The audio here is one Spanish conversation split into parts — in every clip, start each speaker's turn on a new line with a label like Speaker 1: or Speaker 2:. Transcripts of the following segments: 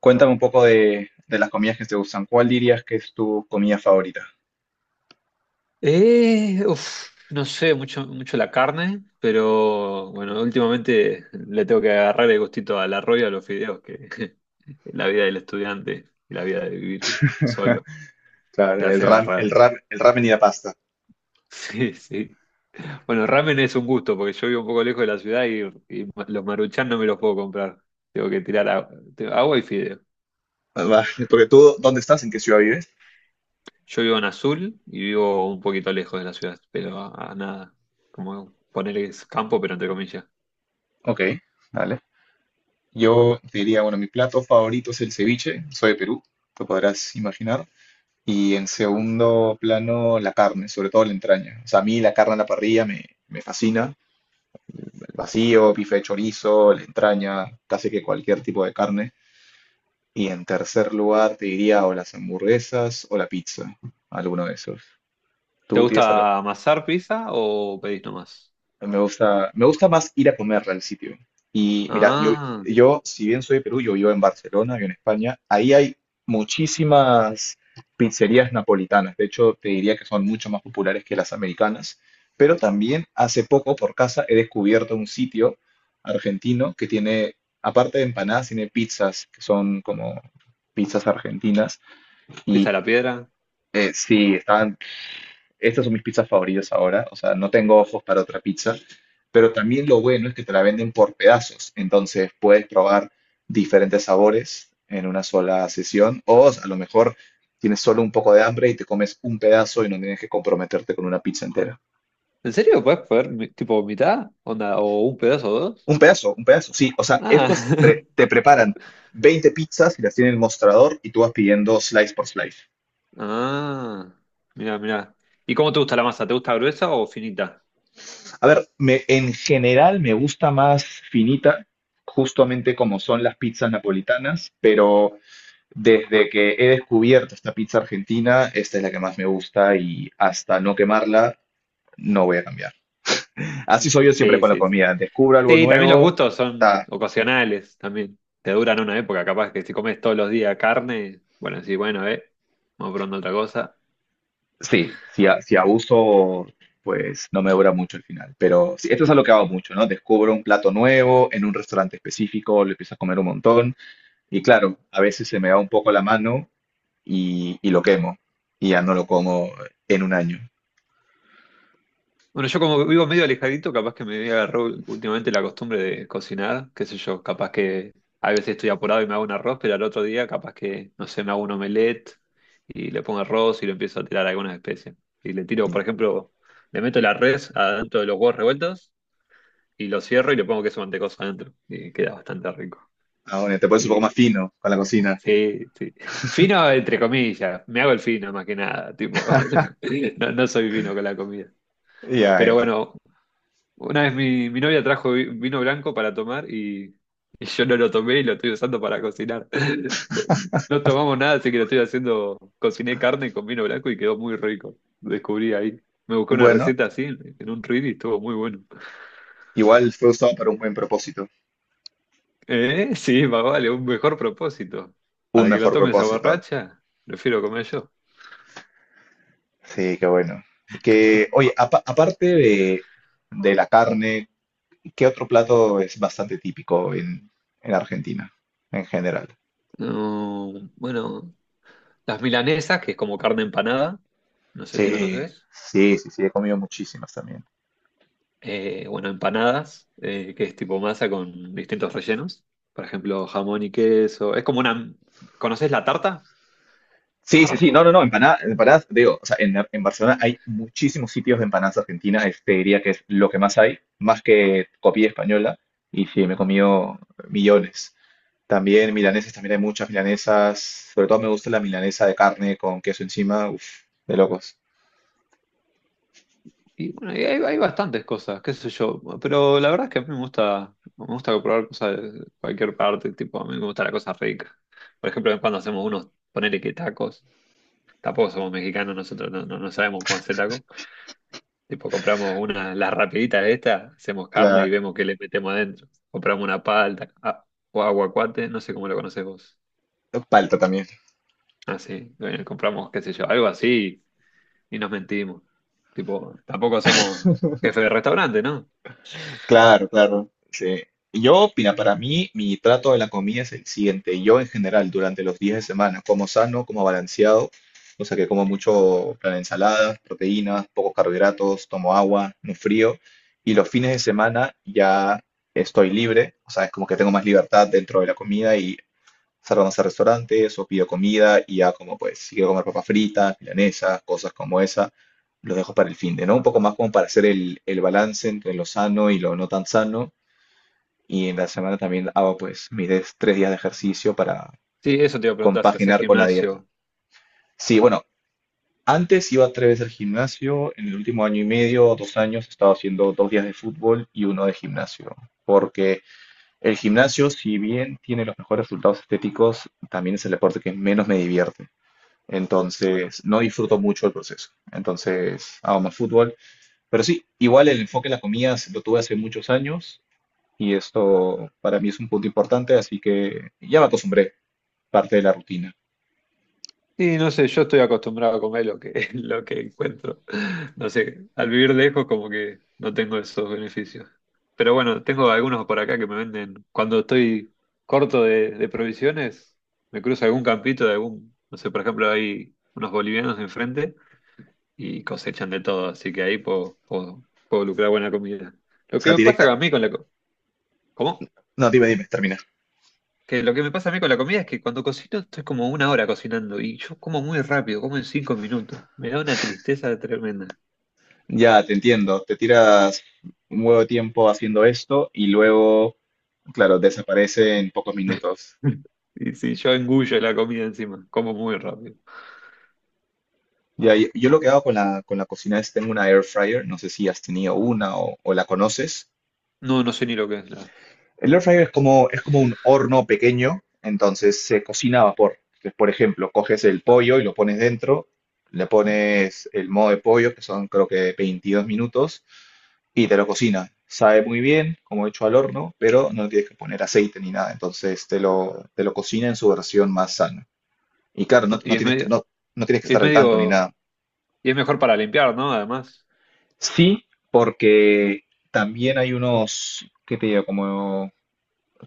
Speaker 1: Cuéntame un poco de las comidas que te gustan. ¿Cuál dirías que es tu comida favorita?
Speaker 2: No sé mucho la carne, pero bueno, últimamente le tengo que agarrar el gustito al arroz y a los fideos, que la vida del estudiante y la vida de vivir solo te
Speaker 1: Claro, el
Speaker 2: hace
Speaker 1: ram, el
Speaker 2: agarrar.
Speaker 1: ram, el ramen y la pasta.
Speaker 2: Sí, sí. Bueno, ramen es un gusto, porque yo vivo un poco lejos de la ciudad y los maruchan no me los puedo comprar. Tengo que tirar agua, agua y fideo.
Speaker 1: Ah, va, porque tú, ¿dónde estás? ¿En qué ciudad vives?
Speaker 2: Yo vivo en Azul y vivo un poquito lejos de la ciudad, pero a nada, como ponerles campo, pero entre comillas.
Speaker 1: Ok, dale. Yo te diría, bueno, mi plato favorito es el ceviche, soy de Perú, te podrás imaginar. Y en segundo plano, la carne, sobre todo la entraña. O sea, a mí la carne en la parrilla me fascina. El vacío, bife de chorizo, la entraña, casi que cualquier tipo de carne. Y en tercer lugar te diría o las hamburguesas o la pizza, alguno de esos.
Speaker 2: ¿Te
Speaker 1: Tú tienes algo.
Speaker 2: gusta amasar pizza o pedís nomás?
Speaker 1: Me gusta más ir a comer al sitio. Y mira, yo,
Speaker 2: Ah,
Speaker 1: yo, si bien soy de Perú, yo vivo en Barcelona, vivo en España, ahí hay muchísimas pizzerías napolitanas. De hecho, te diría que son mucho más populares que las americanas. Pero también hace poco por casa he descubierto un sitio argentino que tiene, aparte de empanadas, tiene pizzas, que son como pizzas argentinas.
Speaker 2: pizza a
Speaker 1: Y
Speaker 2: la piedra.
Speaker 1: Sí, estas son mis pizzas favoritas ahora, o sea, no tengo ojos para otra pizza, pero también lo bueno es que te la venden por pedazos, entonces puedes probar diferentes sabores en una sola sesión o a lo mejor tienes solo un poco de hambre y te comes un pedazo y no tienes que comprometerte con una pizza entera.
Speaker 2: ¿En serio? ¿Puedes poner mi- tipo mitad? ¿Onda? ¿O un pedazo o dos?
Speaker 1: Un pedazo, sí, o sea,
Speaker 2: Ah,
Speaker 1: te preparan 20 pizzas y las tienen en el mostrador y tú vas pidiendo slice por slice.
Speaker 2: ah, mira, mira. ¿Y cómo te gusta la masa? ¿Te gusta gruesa o finita?
Speaker 1: A ver, en general me gusta más finita, justamente como son las pizzas napolitanas, pero desde que he descubierto esta pizza argentina, esta es la que más me gusta y hasta no quemarla, no voy a cambiar. Así soy yo siempre
Speaker 2: Sí,
Speaker 1: con la
Speaker 2: sí, sí.
Speaker 1: comida. Descubro algo
Speaker 2: Sí, también los
Speaker 1: nuevo,
Speaker 2: gustos son
Speaker 1: ta,
Speaker 2: ocasionales, también. Te duran una época, capaz que si comes todos los días carne, bueno, sí, bueno, vamos probando otra cosa.
Speaker 1: sí, si, si abuso, pues no me dura mucho el final. Pero sí, esto es algo que hago mucho, ¿no? Descubro un plato nuevo en un restaurante específico, lo empiezo a comer un montón. Y claro, a veces se me va un poco la mano y lo quemo. Y ya no lo como en un año.
Speaker 2: Bueno, yo como vivo medio alejadito, capaz que me agarró últimamente la costumbre de cocinar, qué sé yo, capaz que a veces estoy apurado y me hago un arroz, pero al otro día capaz que, no sé, me hago un omelette y le pongo arroz y le empiezo a tirar algunas especias. Y le tiro, por
Speaker 1: Ya.
Speaker 2: ejemplo, le meto la res adentro de los huevos revueltos y lo cierro y le pongo queso mantecoso adentro y queda bastante rico.
Speaker 1: Ah, bueno te pones un poco
Speaker 2: Y
Speaker 1: más fino con la cocina.
Speaker 2: sí, sí. Fino entre comillas, me hago el fino más que nada, tipo, no, no soy fino con la comida.
Speaker 1: Ya,
Speaker 2: Pero
Speaker 1: ya.
Speaker 2: bueno, una vez mi novia trajo vino blanco para tomar y yo no lo tomé y lo estoy usando para cocinar. No, no tomamos nada, así que lo estoy haciendo. Cociné carne con vino blanco y quedó muy rico. Lo descubrí ahí. Me busqué una
Speaker 1: Bueno,
Speaker 2: receta así en un Reddit y estuvo muy bueno.
Speaker 1: igual fue usado para un buen propósito,
Speaker 2: Sí, más vale, un mejor propósito.
Speaker 1: un
Speaker 2: Para que lo
Speaker 1: mejor
Speaker 2: tome esa
Speaker 1: propósito.
Speaker 2: borracha, prefiero comer yo.
Speaker 1: Sí, qué bueno. Que, oye, aparte de la carne, ¿qué otro plato es bastante típico en Argentina en general?
Speaker 2: No, bueno, las milanesas, que es como carne empanada, no sé si
Speaker 1: Sí,
Speaker 2: conoces.
Speaker 1: sí, sí, sí, he comido muchísimas también.
Speaker 2: Bueno, empanadas, que es tipo masa con distintos rellenos. Por ejemplo, jamón y queso. Es como una... ¿Conoces la tarta?
Speaker 1: Sí, sí, sí, no, no, no, empanadas, empanadas, digo, o sea, en Barcelona hay muchísimos sitios de empanadas argentinas, este diría que es lo que más hay, más que copia española, y sí, me he comido millones. También milanesas, también hay muchas milanesas, sobre todo me gusta la milanesa de carne con queso encima, uff, de locos.
Speaker 2: Y bueno, y hay bastantes cosas, qué sé yo. Pero la verdad es que a mí me gusta probar cosas de cualquier parte. Tipo, a mí me gusta la cosa rica. Por ejemplo, cuando hacemos unos, ponele que tacos. Tampoco somos mexicanos, nosotros no, no, no sabemos cómo hacer tacos. Tipo, compramos una, las rapiditas estas, hacemos carne y
Speaker 1: Claro.
Speaker 2: vemos qué le metemos adentro. Compramos una palta o aguacate, no sé cómo lo conoces vos.
Speaker 1: Palta también.
Speaker 2: Ah, sí, bueno, compramos, qué sé yo, algo así y nos mentimos. Tipo, tampoco somos jefe de restaurante, ¿no?
Speaker 1: Claro, claro. Sí. Yo, opina para mí, mi trato de la comida es el siguiente. Yo, en general, durante los días de semana, como sano, como balanceado, o sea que como mucho, plan, ensaladas, proteínas, pocos carbohidratos, tomo agua, no frío. Y los fines de semana ya estoy libre, o sea, es como que tengo más libertad dentro de la comida y Salvamos a restaurantes o pido comida y ya como pues si quiero comer papas fritas, milanesas, cosas como esa, los dejo para el fin de, ¿no? Un poco más como para hacer el balance entre lo sano y lo no tan sano. Y en la semana también hago pues mis 3 días de ejercicio para
Speaker 2: Sí, eso te iba a preguntar, si haces
Speaker 1: compaginar con la dieta.
Speaker 2: gimnasio.
Speaker 1: Sí, bueno, antes iba tres veces al gimnasio, en el último año y medio o 2 años he estado haciendo 2 días de fútbol y uno de gimnasio. Porque el gimnasio, si bien tiene los mejores resultados estéticos, también es el deporte que menos me divierte. Entonces, no disfruto mucho el proceso. Entonces, hago más fútbol. Pero sí, igual el enfoque en las comidas lo tuve hace muchos años y esto para mí es un punto importante, así que ya me acostumbré, parte de la rutina.
Speaker 2: Y no sé, yo estoy acostumbrado a comer lo que, lo que encuentro. No sé, al vivir lejos como que no tengo esos beneficios. Pero bueno, tengo algunos por acá que me venden. Cuando estoy corto de provisiones, me cruzo algún campito de algún, no sé, por ejemplo, hay unos bolivianos enfrente y cosechan de todo, así que ahí puedo lucrar buena comida.
Speaker 1: O
Speaker 2: Lo que
Speaker 1: sea,
Speaker 2: me pasa
Speaker 1: directa.
Speaker 2: a mí con la co- ¿Cómo?
Speaker 1: No, dime, dime, termina.
Speaker 2: Que lo que me pasa a mí con la comida es que cuando cocino estoy como una hora cocinando y yo como muy rápido, como en cinco minutos. Me da una tristeza tremenda.
Speaker 1: Ya, te entiendo. Te tiras un huevo de tiempo haciendo esto y luego, claro, desaparece en pocos minutos.
Speaker 2: Y si yo engullo la comida encima, como muy rápido.
Speaker 1: Ya, yo lo que hago con la cocina es tengo una air fryer, no sé si has tenido una o la conoces.
Speaker 2: No, no sé ni lo que es la.
Speaker 1: El air fryer es como un horno pequeño, entonces se cocina a vapor. Entonces, por ejemplo, coges el pollo y lo pones dentro, le pones el modo de pollo, que son creo que 22 minutos, y te lo cocina. Sabe muy bien, como hecho al horno, pero no tienes que poner aceite ni nada. Entonces te lo cocina en su versión más sana. Y claro, no, no
Speaker 2: Y
Speaker 1: tienes que, no, no tienes que
Speaker 2: es
Speaker 1: estar al tanto ni
Speaker 2: medio,
Speaker 1: nada.
Speaker 2: y es mejor para limpiar, ¿no? Además,
Speaker 1: Sí, porque también hay unos, ¿qué te digo? Como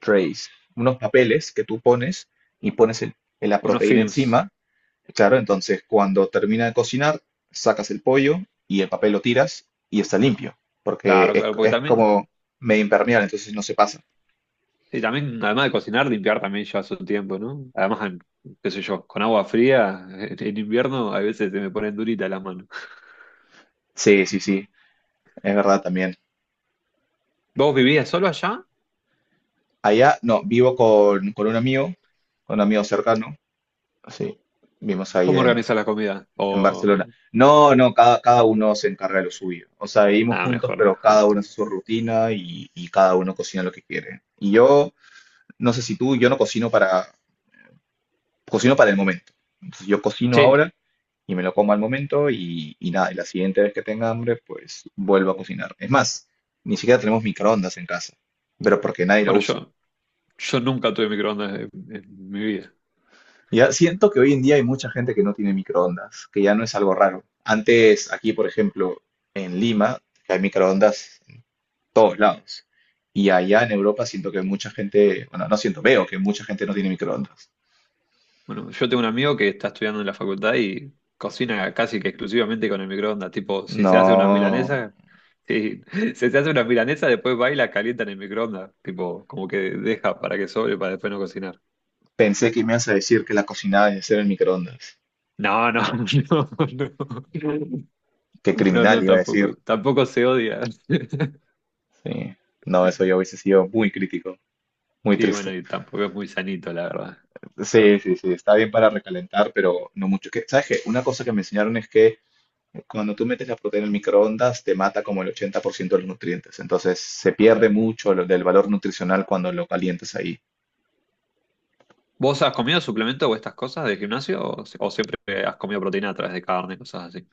Speaker 1: trays, unos papeles que tú pones y pones la
Speaker 2: unos
Speaker 1: proteína
Speaker 2: films.
Speaker 1: encima. Claro, entonces cuando termina de cocinar, sacas el pollo y el papel lo tiras y está limpio, porque
Speaker 2: Claro, claro, porque
Speaker 1: es
Speaker 2: también
Speaker 1: como medio impermeable, entonces no se pasa.
Speaker 2: sí, también, además de cocinar, limpiar también lleva su tiempo, ¿no? Además, qué sé yo, con agua fría, en invierno a veces se me ponen duritas las manos.
Speaker 1: Sí, sí, sí, es verdad también.
Speaker 2: ¿Vos vivías solo allá?
Speaker 1: Allá, no, vivo con un amigo, con un amigo cercano, sí, vivimos ahí
Speaker 2: ¿Cómo organizas la comida?
Speaker 1: en Barcelona.
Speaker 2: O,
Speaker 1: No, no, cada uno se encarga de lo suyo. O sea, vivimos
Speaker 2: ah,
Speaker 1: juntos,
Speaker 2: mejor,
Speaker 1: pero cada
Speaker 2: mejor.
Speaker 1: uno hace su rutina y cada uno cocina lo que quiere. Y yo, no sé si tú, yo no cocino para, cocino para el momento. Entonces, yo cocino
Speaker 2: Sí,
Speaker 1: ahora y me lo como al momento y nada, y la siguiente vez que tenga hambre, pues vuelvo a cocinar. Es más, ni siquiera tenemos microondas en casa, pero porque nadie lo
Speaker 2: bueno,
Speaker 1: usa.
Speaker 2: yo nunca tuve microondas en mi vida.
Speaker 1: Ya siento que hoy en día hay mucha gente que no tiene microondas, que ya no es algo raro. Antes, aquí, por ejemplo, en Lima, que hay microondas todos lados. Y allá en Europa siento que mucha gente, bueno, no siento, veo que mucha gente no tiene microondas.
Speaker 2: Bueno, yo tengo un amigo que está estudiando en la facultad y cocina casi que exclusivamente con el microondas. Tipo, si
Speaker 1: No
Speaker 2: se hace una milanesa sí, si se hace una milanesa después va y la calienta en el microondas. Tipo, como que deja para que sobre para después no cocinar.
Speaker 1: pensé que me ibas a decir que la cocinada debe ser en microondas.
Speaker 2: No, no, no, no.
Speaker 1: Qué
Speaker 2: No,
Speaker 1: criminal
Speaker 2: no,
Speaker 1: iba a decir.
Speaker 2: tampoco. Tampoco se odia.
Speaker 1: Sí. No, eso yo hubiese sido muy crítico, muy
Speaker 2: Sí, bueno,
Speaker 1: triste.
Speaker 2: y tampoco es muy sanito, la verdad.
Speaker 1: Sí, sí, sí, está bien para recalentar, pero no mucho. Que, ¿sabes qué? Una cosa que me enseñaron es que cuando tú metes la proteína en el microondas te mata como el 80% de los nutrientes. Entonces se pierde mucho del valor nutricional cuando lo calientas ahí.
Speaker 2: ¿Vos has comido suplementos o estas cosas de gimnasio o, si- o siempre has comido proteína a través de carne, cosas así?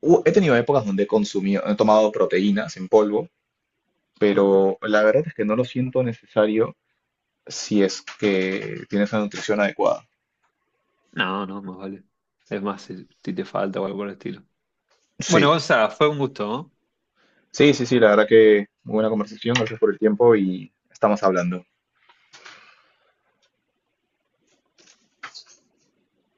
Speaker 1: He tenido épocas donde he consumido, he tomado proteínas en polvo,
Speaker 2: Ajá.
Speaker 1: pero la verdad es que no lo siento necesario si es que tienes una nutrición adecuada.
Speaker 2: No, no, más vale. Es más, si te falta o algo por el estilo. Bueno,
Speaker 1: Sí,
Speaker 2: Gonza, fue un gusto, ¿no?
Speaker 1: sí, sí, sí, la verdad que muy buena conversación, gracias por el tiempo y estamos hablando.